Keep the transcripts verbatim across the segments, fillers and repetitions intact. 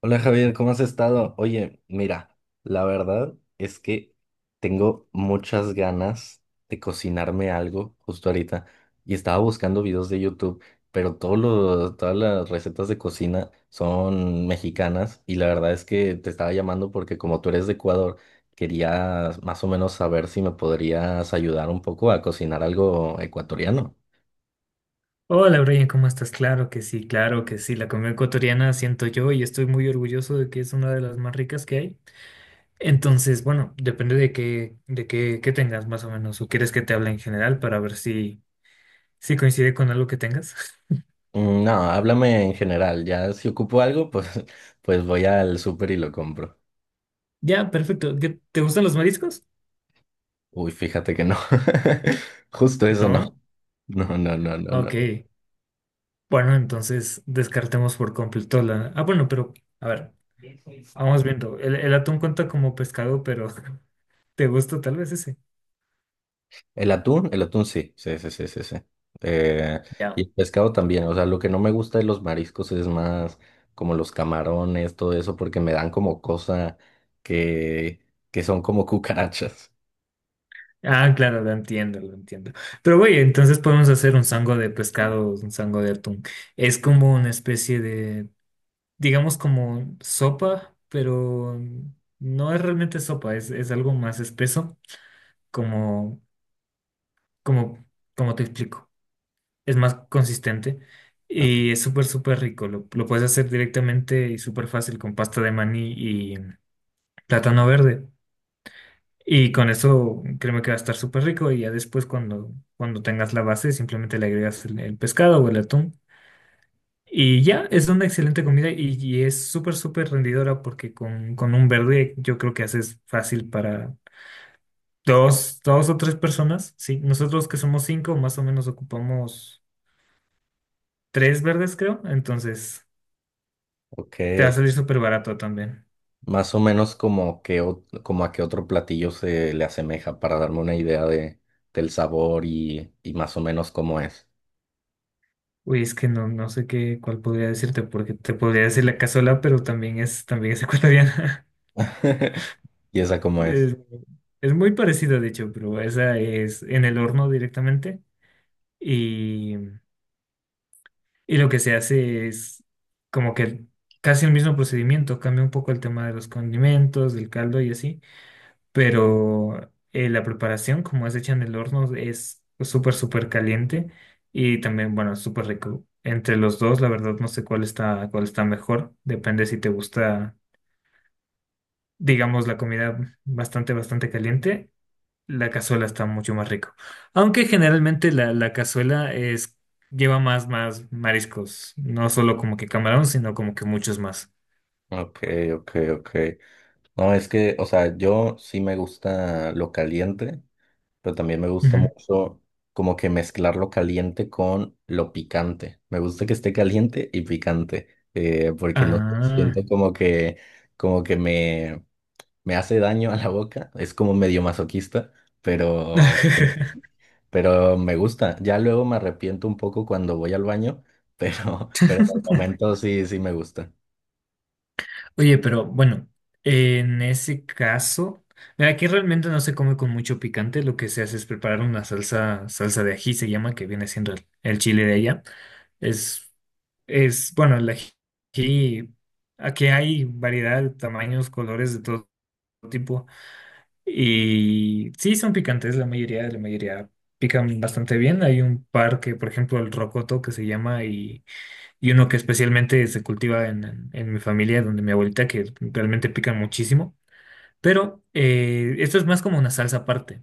Hola Javier, ¿cómo has estado? Oye, mira, la verdad es que tengo muchas ganas de cocinarme algo justo ahorita y estaba buscando videos de YouTube, pero todos los- todas las recetas de cocina son mexicanas y la verdad es que te estaba llamando porque como tú eres de Ecuador, quería más o menos saber si me podrías ayudar un poco a cocinar algo ecuatoriano. Hola, Brian, ¿cómo estás? Claro que sí, claro que sí. La comida ecuatoriana siento yo y estoy muy orgulloso de que es una de las más ricas que hay. Entonces, bueno, depende de qué, de qué, qué tengas más o menos, o quieres que te hable en general para ver si, si coincide con algo que tengas. Mm, no, háblame en general, ya si ocupo algo, pues, pues voy al súper y lo compro. Ya, perfecto. ¿Qué- ¿Te gustan los mariscos? Uy, fíjate que no. Justo eso no. No. No, no, no, no, no. Ok. Bueno, entonces descartemos por completo la. Ah, bueno, pero a ver, vamos viendo. El, el atún cuenta como pescado, pero ¿te gusta tal vez ese? El atún, el atún, sí, sí, sí, sí, sí, sí. Eh, y Ya. el pescado también, o sea, lo que no me gusta de los mariscos es más como los camarones, todo eso, porque me dan como cosa que, que son como cucarachas. Ah, claro, lo entiendo, lo entiendo. Pero güey, entonces podemos hacer un sango de pescado, un sango de atún. Es como una especie de, digamos como sopa, pero no es realmente sopa, es, es algo más espeso, como, como, como te explico. Es más consistente Ok, y es súper, súper rico. Lo, lo puedes hacer directamente y súper fácil con pasta de maní y plátano verde. Y con eso créeme que va a estar súper rico y ya después cuando, cuando tengas la base simplemente le agregas el, el pescado o el atún. Y ya, es una excelente comida y, y es súper, súper rendidora porque con, con un verde yo creo que haces fácil para dos, dos o tres personas. Sí, nosotros que somos cinco más o menos ocupamos tres verdes creo, entonces ok, te va a salir ok. súper barato también. Más o menos como, que, o- como a qué otro platillo se le asemeja para darme una idea de, del sabor y, y más o menos cómo es. Uy, es que no, no sé qué, cuál podría decirte porque te podría decir la cazuela, pero también es, también es ecuatoriana. ¿Y esa cómo es? Es, es muy parecido, de hecho, pero esa es en el horno directamente. Y, y lo que se hace es como que casi el mismo procedimiento, cambia un poco el tema de los condimentos, del caldo y así, pero eh, la preparación, como es hecha en el horno, es súper, súper caliente y también, bueno, es súper rico. Entre los dos, la verdad, no sé cuál está, cuál está mejor. Depende si te gusta, digamos, la comida bastante, bastante caliente. La cazuela está mucho más rico. Aunque generalmente la, la cazuela es, lleva más, más mariscos. No solo como que camarón, sino como que muchos más. Ok, ok, ok. No, es que, o sea, yo sí me gusta lo caliente, pero también me gusta Ujú. mucho como que mezclar lo caliente con lo picante. Me gusta que esté caliente y picante, eh, porque no sé, Ah. siento como que, como que me, me hace daño a la boca. Es como medio masoquista, pero, pero me gusta. Ya luego me arrepiento un poco cuando voy al baño, pero, pero en el momento sí, sí me gusta. Oye, pero bueno, en ese caso, mira, aquí realmente no se come con mucho picante. Lo que se hace es preparar una salsa, salsa de ají, se llama, que viene siendo el, el chile de allá. Es, es, bueno, el ají, aquí hay variedad, tamaños, colores de todo tipo. Y sí, son picantes, la mayoría, la mayoría pican bastante bien. Hay un par que, por ejemplo, el rocoto que se llama y, y uno que especialmente se cultiva en, en- en mi familia, donde mi abuelita, que realmente pican muchísimo. Pero eh, esto es más como una salsa aparte.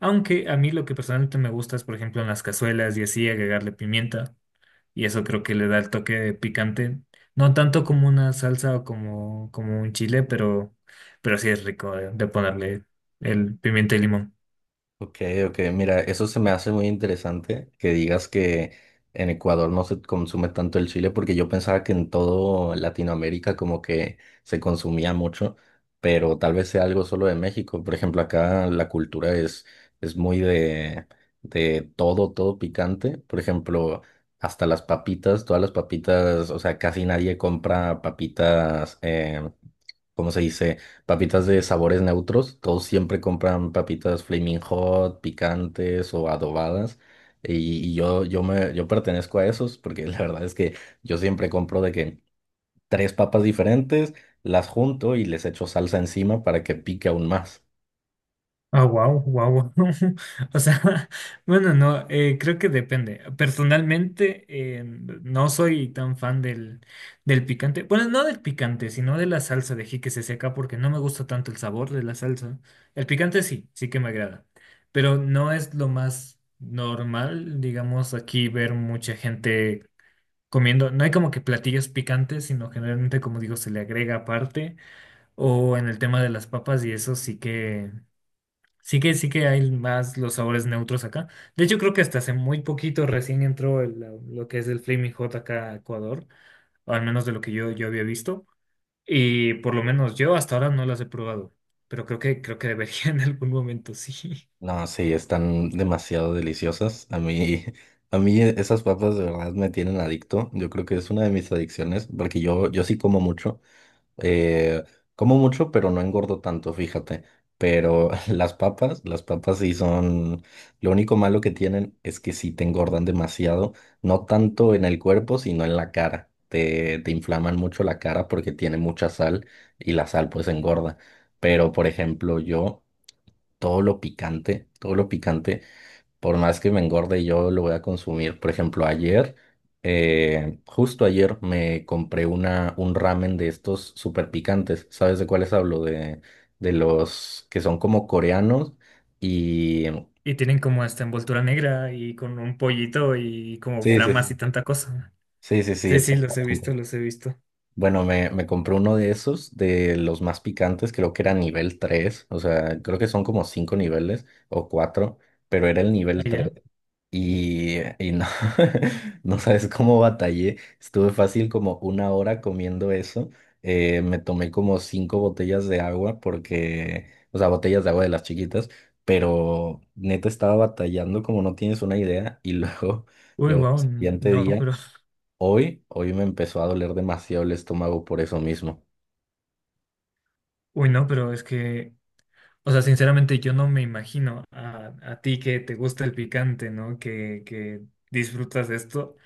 Aunque a mí lo que personalmente me gusta es, por ejemplo, en las cazuelas y así agregarle pimienta y eso creo que le da el toque de picante. No tanto como una salsa o como, como un chile, pero, pero sí es rico de, de ponerle el pimiento y limón. Ok, ok, mira, eso se me hace muy interesante que digas que en Ecuador no se consume tanto el chile, porque yo pensaba que en todo Latinoamérica como que se consumía mucho, pero tal vez sea algo solo de México. Por ejemplo, acá la cultura es, es muy de, de todo, todo picante. Por ejemplo, hasta las papitas, todas las papitas, o sea, casi nadie compra papitas. Eh, ¿cómo se dice? Papitas de sabores neutros, todos siempre compran papitas Flaming Hot, picantes o adobadas. Y, y yo, yo, me, yo pertenezco a esos porque la verdad es que yo siempre compro de que tres papas diferentes, las junto y les echo salsa encima para que pique aún más. Ah, wow, wow. O sea, bueno, no, eh, creo que depende. Personalmente, eh, no soy tan fan del, del picante. Bueno, no del picante, sino de la salsa de jique se seca, porque no me gusta tanto el sabor de la salsa. El picante sí, sí que me agrada. Pero no es lo más normal, digamos, aquí ver mucha gente comiendo. No hay como que platillos picantes, sino generalmente, como digo, se le agrega aparte. O en el tema de las papas, y eso sí que. Sí que sí que hay más los sabores neutros acá. De hecho, creo que hasta hace muy poquito recién entró el, la- lo que es el Flaming Hot acá a Ecuador, o al menos de lo que yo, yo había visto. Y por lo menos yo hasta ahora no las he probado, pero creo que, creo que debería en algún momento, sí. No, sí, están demasiado deliciosas. A mí, a mí esas papas de verdad me tienen adicto. Yo creo que es una de mis adicciones porque yo, yo sí como mucho. Eh, Como mucho, pero no engordo tanto, fíjate. Pero las papas, las papas sí son... Lo único malo que tienen es que sí te engordan demasiado, no tanto en el cuerpo, sino en la cara. Te, te inflaman mucho la cara porque tiene mucha sal y la sal pues engorda. Pero, por ejemplo, yo, todo lo picante, todo lo picante. Por más que me engorde, yo lo voy a consumir. Por ejemplo, ayer, eh, justo ayer me compré una, un ramen de estos súper picantes. ¿Sabes de cuáles hablo? De, de los que son como coreanos y... Y tienen como esta envoltura negra y con un pollito y como Sí, sí, flamas sí. y tanta cosa. Sí, sí, sí, Sí, sí, los he exactamente. visto, los he visto. Bueno, me, me compré uno de esos, de los más picantes, creo que era nivel tres. O sea, creo que son como cinco niveles o cuatro, pero era el nivel tres. Allá. Y, y no, no sabes cómo batallé. Estuve fácil como una hora comiendo eso. Eh, me tomé como cinco botellas de agua porque, o sea, botellas de agua de las chiquitas, pero neta estaba batallando como no tienes una idea. Y luego, Uy, luego, el wow, siguiente no, día, pero... hoy, hoy me empezó a doler demasiado el estómago por eso mismo. Uy, no, pero es que... O sea, sinceramente yo no me imagino a, a ti que te gusta el picante, ¿no? Que, que disfrutas de esto.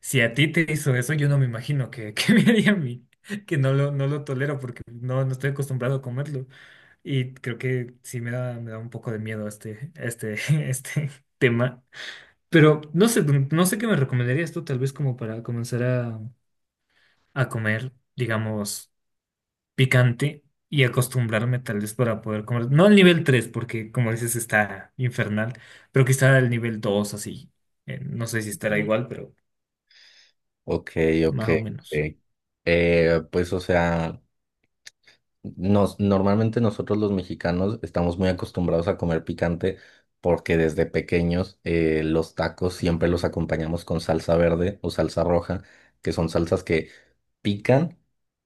Si a ti te hizo eso, yo no me imagino que, que me haría a mí, que no lo, no lo tolero porque no, no estoy acostumbrado a comerlo. Y creo que sí me da, me da un poco de miedo este, este, este tema. Pero no sé, no sé qué me recomendarías tú, tal vez como para comenzar a, a comer, digamos picante y acostumbrarme tal vez para poder comer. No al nivel tres porque como dices está infernal, pero quizá al nivel dos así. Eh, no sé si estará Ujú. igual, pero Ok, ok, más o menos. ok. Eh, pues, o sea. Nos, normalmente nosotros los mexicanos estamos muy acostumbrados a comer picante porque desde pequeños eh, los tacos siempre los acompañamos con salsa verde o salsa roja, que son salsas que pican,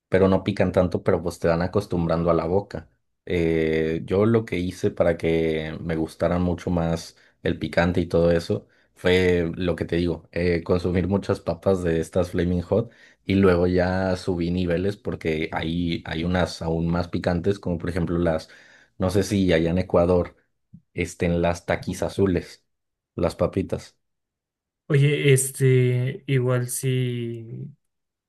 pero no pican tanto, pero pues te van acostumbrando a la boca. Eh, yo lo que hice para que me gustara mucho más el picante y todo eso fue lo que te digo, eh, consumir muchas papas de estas Flaming Hot y luego ya subí niveles porque ahí hay unas aún más picantes, como por ejemplo las, no sé si allá en Ecuador estén las taquis azules, las papitas. Oye, este, igual sí.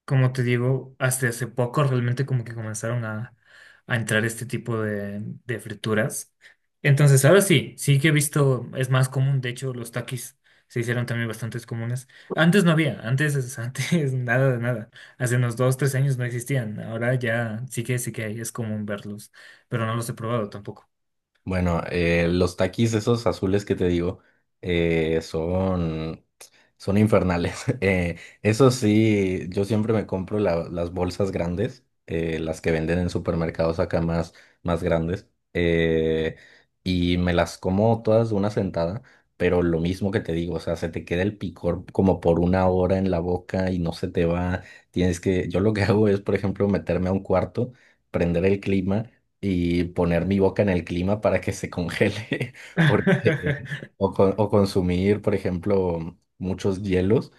Como te digo, hasta hace poco realmente como que comenzaron a, a entrar este tipo de, de frituras. Entonces, ahora sí, sí que he visto, es más común, de hecho, los takis se hicieron también bastantes comunes. Antes no había, antes, es- antes nada de nada. Hace unos dos, tres años no existían. Ahora ya sí que sí que hay, es común verlos, pero no los he probado tampoco. Bueno, eh, los taquis esos azules que te digo eh, son, son infernales. Eh, eso sí, yo siempre me compro la- las bolsas grandes, eh, las que venden en supermercados acá más, más grandes, eh, y me las como todas de una sentada, pero lo mismo que te digo, o sea, se te queda el picor como por una hora en la boca y no se te va. Tienes que, yo lo que hago es, por ejemplo, meterme a un cuarto, prender el clima y poner mi boca en el clima para que se congele, porque, o, co- o consumir, por ejemplo, muchos hielos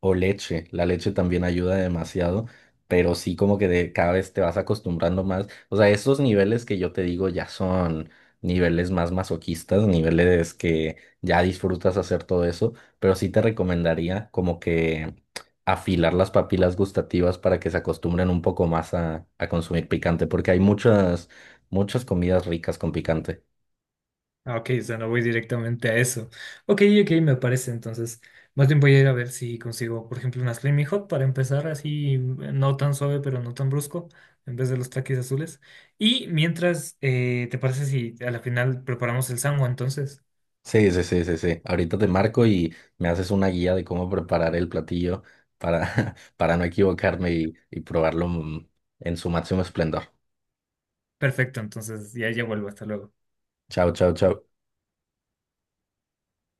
o leche. La leche también ayuda demasiado, pero sí como que de, cada vez te vas acostumbrando más. O sea, esos niveles que yo te digo ya son niveles más masoquistas, niveles que ya disfrutas hacer todo eso, pero sí te recomendaría como que afilar las papilas gustativas para que se acostumbren un poco más a, a consumir picante, porque hay muchas Muchas comidas ricas con picante. Ah, ok, o sea, no voy directamente a eso. Ok, ok, me parece. Entonces, más bien voy a ir a ver si consigo, por ejemplo, una Flaming Hot para empezar así, no tan suave, pero no tan brusco, en vez de los taquis azules. Y mientras, eh, ¿te parece si a la final preparamos el sango entonces? Sí, sí, sí, sí, sí. Ahorita te marco y me haces una guía de cómo preparar el platillo para, para no equivocarme y, y probarlo mm, en su máximo esplendor. Perfecto, entonces ya, ya vuelvo, hasta luego. Chao, chao, chao.